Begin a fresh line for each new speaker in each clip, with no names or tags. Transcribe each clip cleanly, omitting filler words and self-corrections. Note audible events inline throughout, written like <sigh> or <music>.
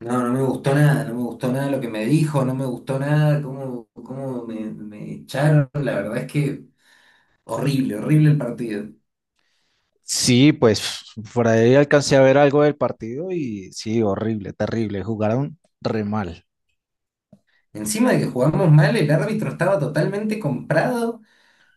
No, no me gustó nada, no me gustó nada lo que me dijo, no me gustó nada cómo me echaron. La verdad es que horrible, horrible el partido.
Sí, pues por ahí alcancé a ver algo del partido y sí, horrible, terrible. Jugaron re mal.
Encima de que jugamos mal, el árbitro estaba totalmente comprado,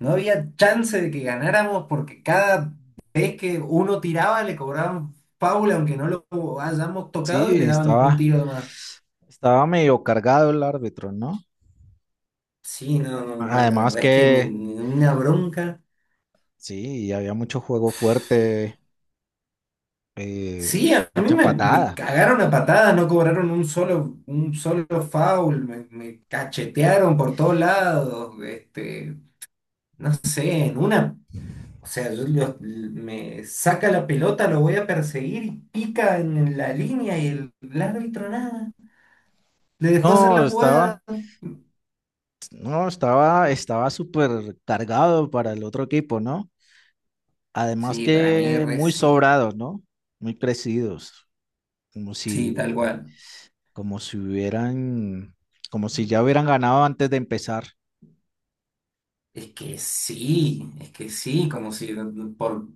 no había chance de que ganáramos porque cada vez que uno tiraba le cobraban foul aunque no lo hayamos tocado y
Sí,
le daban un
estaba,
tiro de más.
estaba medio cargado el árbitro, ¿no?
Sí, no, no, no, la
Además
verdad es que me,
que
me dio una bronca.
sí, había mucho juego fuerte, eh,
Sí, a mí
mucha
me
patada.
cagaron a patadas, no cobraron un solo foul, me cachetearon por todos lados, no sé, en una, o sea, me saca la pelota, lo voy a perseguir y pica en la línea y el árbitro nada, le dejó hacer
No,
la jugada.
estaba, no, estaba, estaba súper cargado para el otro equipo, ¿no? Además
Sí, para mí
que
re
muy
sí,
sobrados, ¿no? Muy crecidos, como
sí, tal
si
cual.
como si hubieran, como si ya hubieran ganado antes de empezar.
Es que sí, como si por.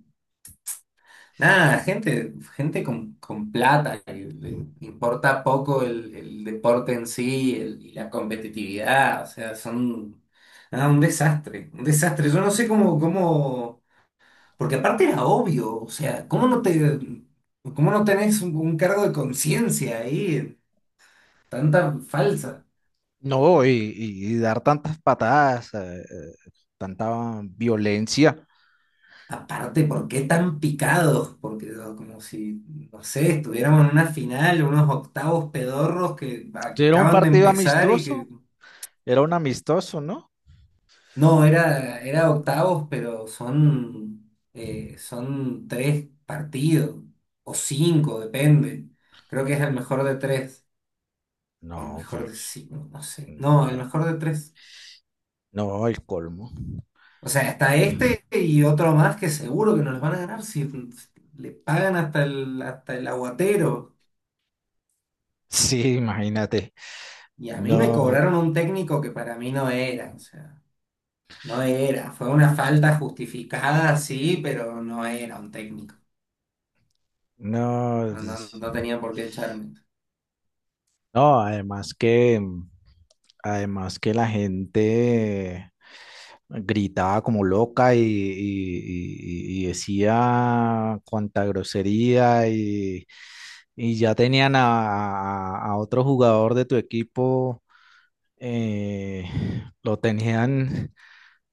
Nada, gente, gente con plata, que le importa poco el deporte en sí y la competitividad, o sea, son nada, un desastre, un desastre. Yo no sé cómo, porque aparte era obvio, o sea, ¿cómo no tenés un cargo de conciencia ahí? Tanta falsa.
No, y dar tantas patadas, tanta violencia.
Aparte, ¿por qué tan picados? Porque no, como si, no sé, estuviéramos en una final, unos octavos pedorros que
Si era un
acaban de
partido
empezar y que.
amistoso, era un amistoso, ¿no?
No, era octavos, pero son tres partidos, o cinco, depende. Creo que es el mejor de tres, o el
No,
mejor de
pues,
cinco, no sé.
mm,
No, el
ah,
mejor de tres.
no, el colmo. <laughs>
O sea, está este y otro más que seguro que nos los van a ganar si le pagan hasta el aguatero.
Sí, imagínate.
Y a mí me
No,
cobraron un técnico que para mí no era, o sea, no era. Fue una falta justificada, sí, pero no era un técnico.
no,
No, no
pues,
no tenía por qué echarme.
no, además que la gente gritaba como loca y decía cuánta grosería y ya tenían a otro jugador de tu equipo, eh, <sighs> lo tenían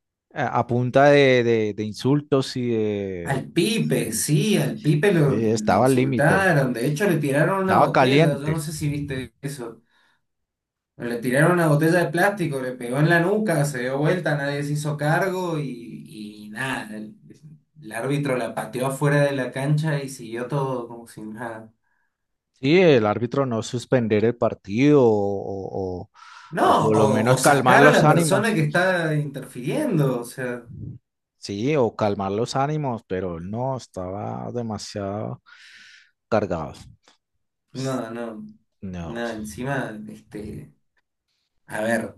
<laughs> a punta de insultos y de,
Al Pipe, sí,
de-
le
estaba al límite,
insultaron, de hecho le tiraron una
estaba
botella, yo no
caliente.
sé si viste eso, pero le tiraron una botella de plástico, le pegó en la nuca, se dio vuelta, nadie se hizo cargo y nada, el árbitro la pateó afuera de la cancha y siguió todo como si nada.
Sí, el árbitro no suspender el partido o
No,
o por lo
o
menos calmar
sacar a
los
la persona
ánimos.
que está interfiriendo, o sea,
Sí, o calmar los ánimos, pero no, estaba demasiado cargado.
no, no,
No.
nada, encima, a ver.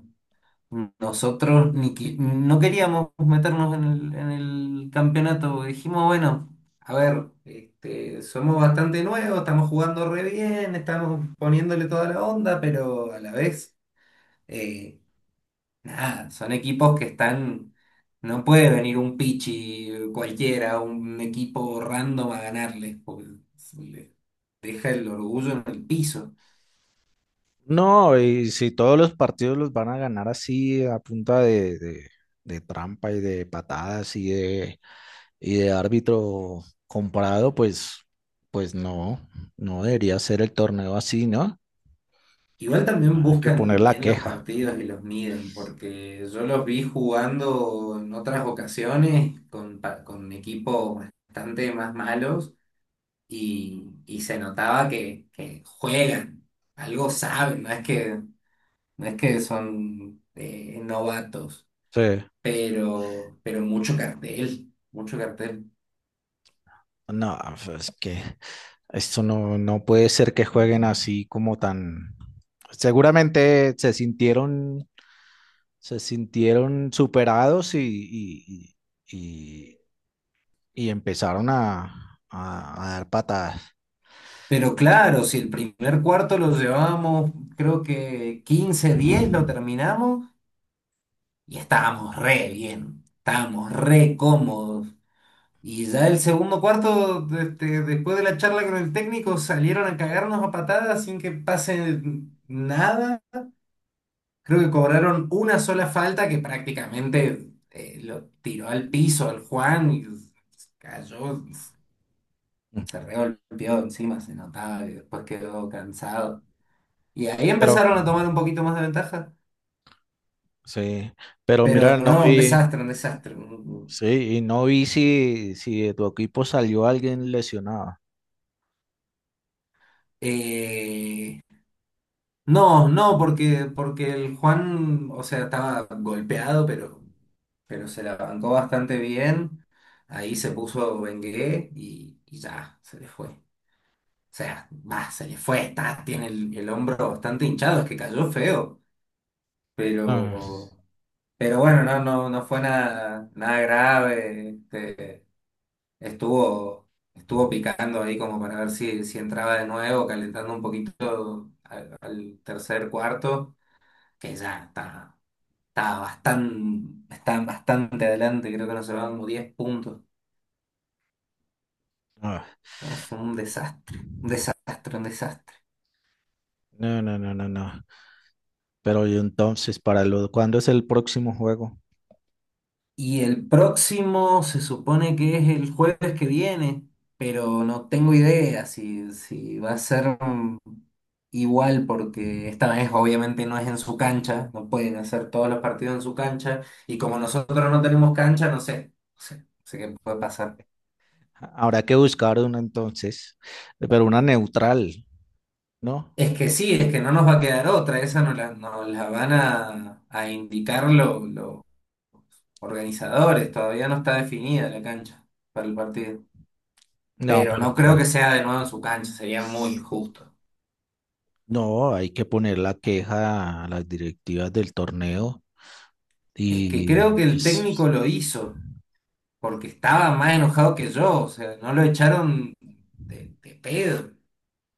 Nosotros ni qui- no queríamos meternos en el campeonato. Dijimos, bueno, a ver, somos bastante nuevos, estamos jugando re bien, estamos poniéndole toda la onda, pero a la vez, eh, nada, son equipos que están. No puede venir un pichi cualquiera, un equipo random a ganarles, porque se le deja el orgullo en el piso.
No, y si todos los partidos los van a ganar así a punta de trampa y de patadas y de árbitro comprado, pues, pues no, no debería ser el torneo así, ¿no?
Igual también
Hay que poner
buscan
la
bien los
queja.
partidos y los miden, porque yo los vi jugando en otras ocasiones con equipos bastante más malos y se notaba que juegan, algo saben, no es que son novatos,
Sí.
pero mucho cartel, mucho cartel.
No, pues, es que esto no, no puede ser que jueguen así como tan... Seguramente se sintieron superados y- y- y empezaron a dar patadas.
Pero claro, si el primer cuarto lo llevamos, creo que 15-10 lo terminamos. Y estábamos re bien, estábamos re cómodos. Y ya el segundo cuarto, después de la charla con el técnico, salieron a cagarnos a patadas sin que pase nada. Creo que cobraron una sola falta que prácticamente lo tiró al piso al Juan y cayó, se regolpeó encima, se notaba y después quedó cansado. Y ahí
Pero,
empezaron a tomar un poquito más de ventaja.
sí, pero
Pero
mira, no
no, un
vi,
desastre, un desastre.
sí, y no vi si, si de tu equipo salió alguien lesionado.
Eh, No, no, porque el Juan, o sea, estaba golpeado, pero se la bancó bastante bien. Ahí se puso Bengué y ya, se le fue. O sea, va, se le fue, está, tiene el hombro bastante hinchado, es que cayó feo.
Ah,
Pero, pero bueno, no, no, no fue nada, nada grave. Estuvo, estuvo picando ahí como para ver si entraba de nuevo, calentando un poquito al tercer cuarto que ya está. Está bastante adelante, creo que nos llevaban como 10 puntos.
ah.
No, fue un desastre, un desastre, un desastre.
No, no, no, no, no. Pero y entonces, para lo, ¿cuándo es el próximo juego?
Y el próximo se supone que es el jueves que viene, pero no tengo idea si va a ser igual, porque esta vez obviamente no es en su cancha, no pueden hacer todos los partidos en su cancha, y como nosotros no tenemos cancha, no sé, no sé, no sé qué puede pasar.
Habrá que buscar una entonces, pero una neutral, ¿no?
Es que sí, es que no nos va a quedar otra, esa nos la van a indicar los organizadores, todavía no está definida la cancha para el partido.
No,
Pero
pero
no creo
ay,
que sea de nuevo en su cancha, sería muy injusto.
no, hay que poner la queja a las directivas del torneo
Es que
y
creo que el técnico
es-
lo hizo, porque estaba más enojado que yo, o sea, no lo echaron de pedo.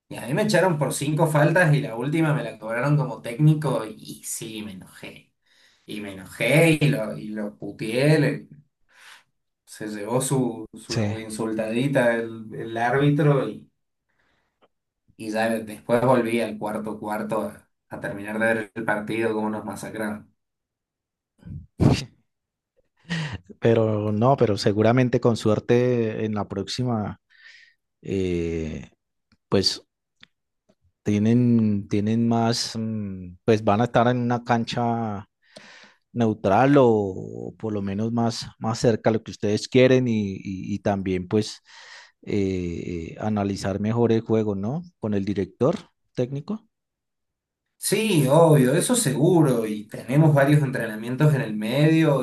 Y a mí me echaron por cinco faltas y la última me la cobraron como técnico y sí, me enojé. Y me enojé y lo puteé. Se llevó su,
sí,
su insultadita el árbitro y ya después volví al cuarto cuarto a terminar de ver el partido como nos masacraron.
pero no, pero seguramente con suerte en la próxima, eh, pues tienen más, mm, pues van a estar en una cancha neutral o por lo menos más, más cerca a lo que ustedes quieren y también pues analizar mejor el juego, ¿no? Con el director técnico.
Sí, obvio, eso seguro, y tenemos varios entrenamientos en el medio.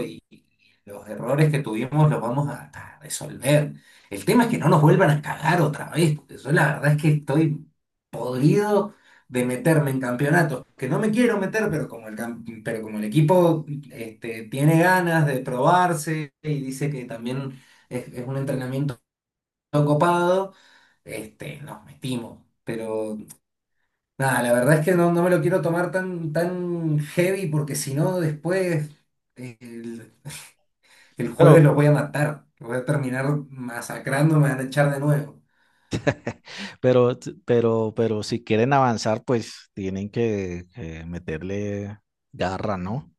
Los errores que tuvimos los vamos a resolver. El tema es que no nos vuelvan a cagar otra vez, porque yo la verdad es que estoy podrido de meterme en campeonatos, que no me quiero meter, pero pero como el equipo tiene ganas de probarse y dice que también es un entrenamiento copado, nos metimos. Pero nada, la verdad es que no me lo quiero tomar tan, tan heavy, porque si no después... El jueves
Pero
los voy a matar, los voy a terminar masacrando, me van a echar de nuevo.
pero, pero si quieren avanzar, pues que meterle garra, ¿no?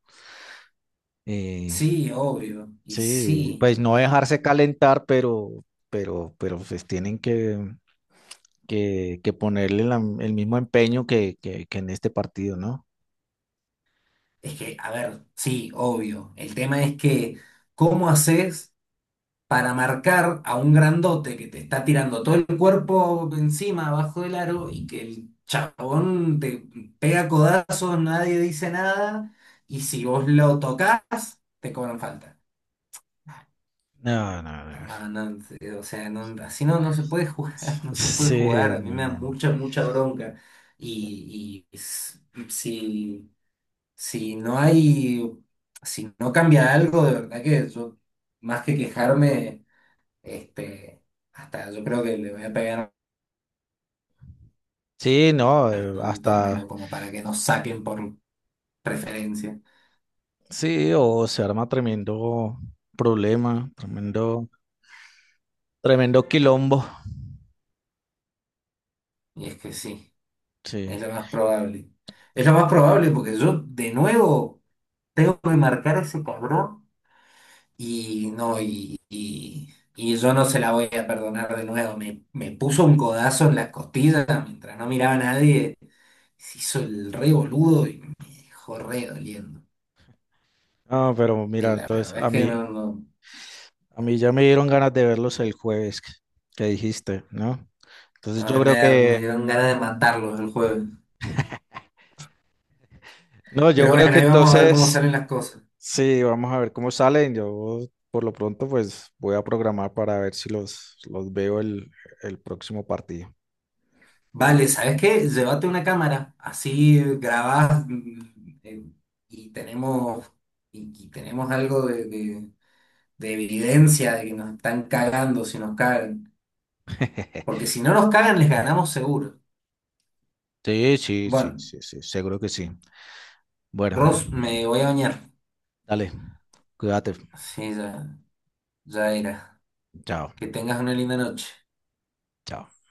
Eh,
Sí, obvio, y
sí, pues
sí,
no dejarse calentar, pero pues que ponerle el mismo empeño que en este partido, ¿no?
es que, a ver, sí, obvio. El tema es que, ¿cómo haces para marcar a un grandote que te está tirando todo el cuerpo encima, abajo del aro, y que el chabón te pega codazos, nadie dice nada, y si vos lo tocas, te cobran falta?
No, no, no.
No, no, o sea, no, así no se puede jugar, <laughs> no se puede jugar.
Sí,
A mí
no,
me da
no, no.
mucha, mucha bronca. Y, y s- si, si no hay, si no cambia algo, de verdad que yo, más que quejarme, este, hasta yo creo que le voy a pegar
Sí, no,
al
hasta,
torneo como para que nos saquen por preferencia.
sí, o se arma tremendo problema, tremendo, tremendo quilombo,
Y es que sí,
sí.
es lo más probable. Es lo más probable porque yo de nuevo tengo que marcar a ese cabrón. Y no, y yo no se la voy a perdonar de nuevo. Me puso un codazo en las costillas mientras no miraba a nadie. Se hizo el re boludo y me dejó re doliendo.
No, pero mira,
La
entonces
verdad es que no, no.
a mí ya me dieron ganas de verlos el jueves que dijiste, ¿no? Entonces
A
yo
mí
creo
me
que,
dieron ganas de matarlos el jueves.
no, yo
Pero
creo
bueno,
que
ahí vamos a ver cómo
entonces,
salen las cosas.
sí, vamos a ver cómo salen. Yo por lo pronto pues voy a programar para ver si los veo el próximo partido.
Vale, ¿sabes qué? Llévate una cámara, así grabás y tenemos, y tenemos algo de evidencia de que nos están cagando si nos cagan. Porque
<laughs>
si no nos cagan, les ganamos seguro.
Sí, sí, sí,
Bueno,
sí, sí, seguro que sí. Bueno,
Ross, me voy a bañar.
dale, cuídate.
Sí, ya, ya era.
Chao,
Que tengas una linda noche.
chao.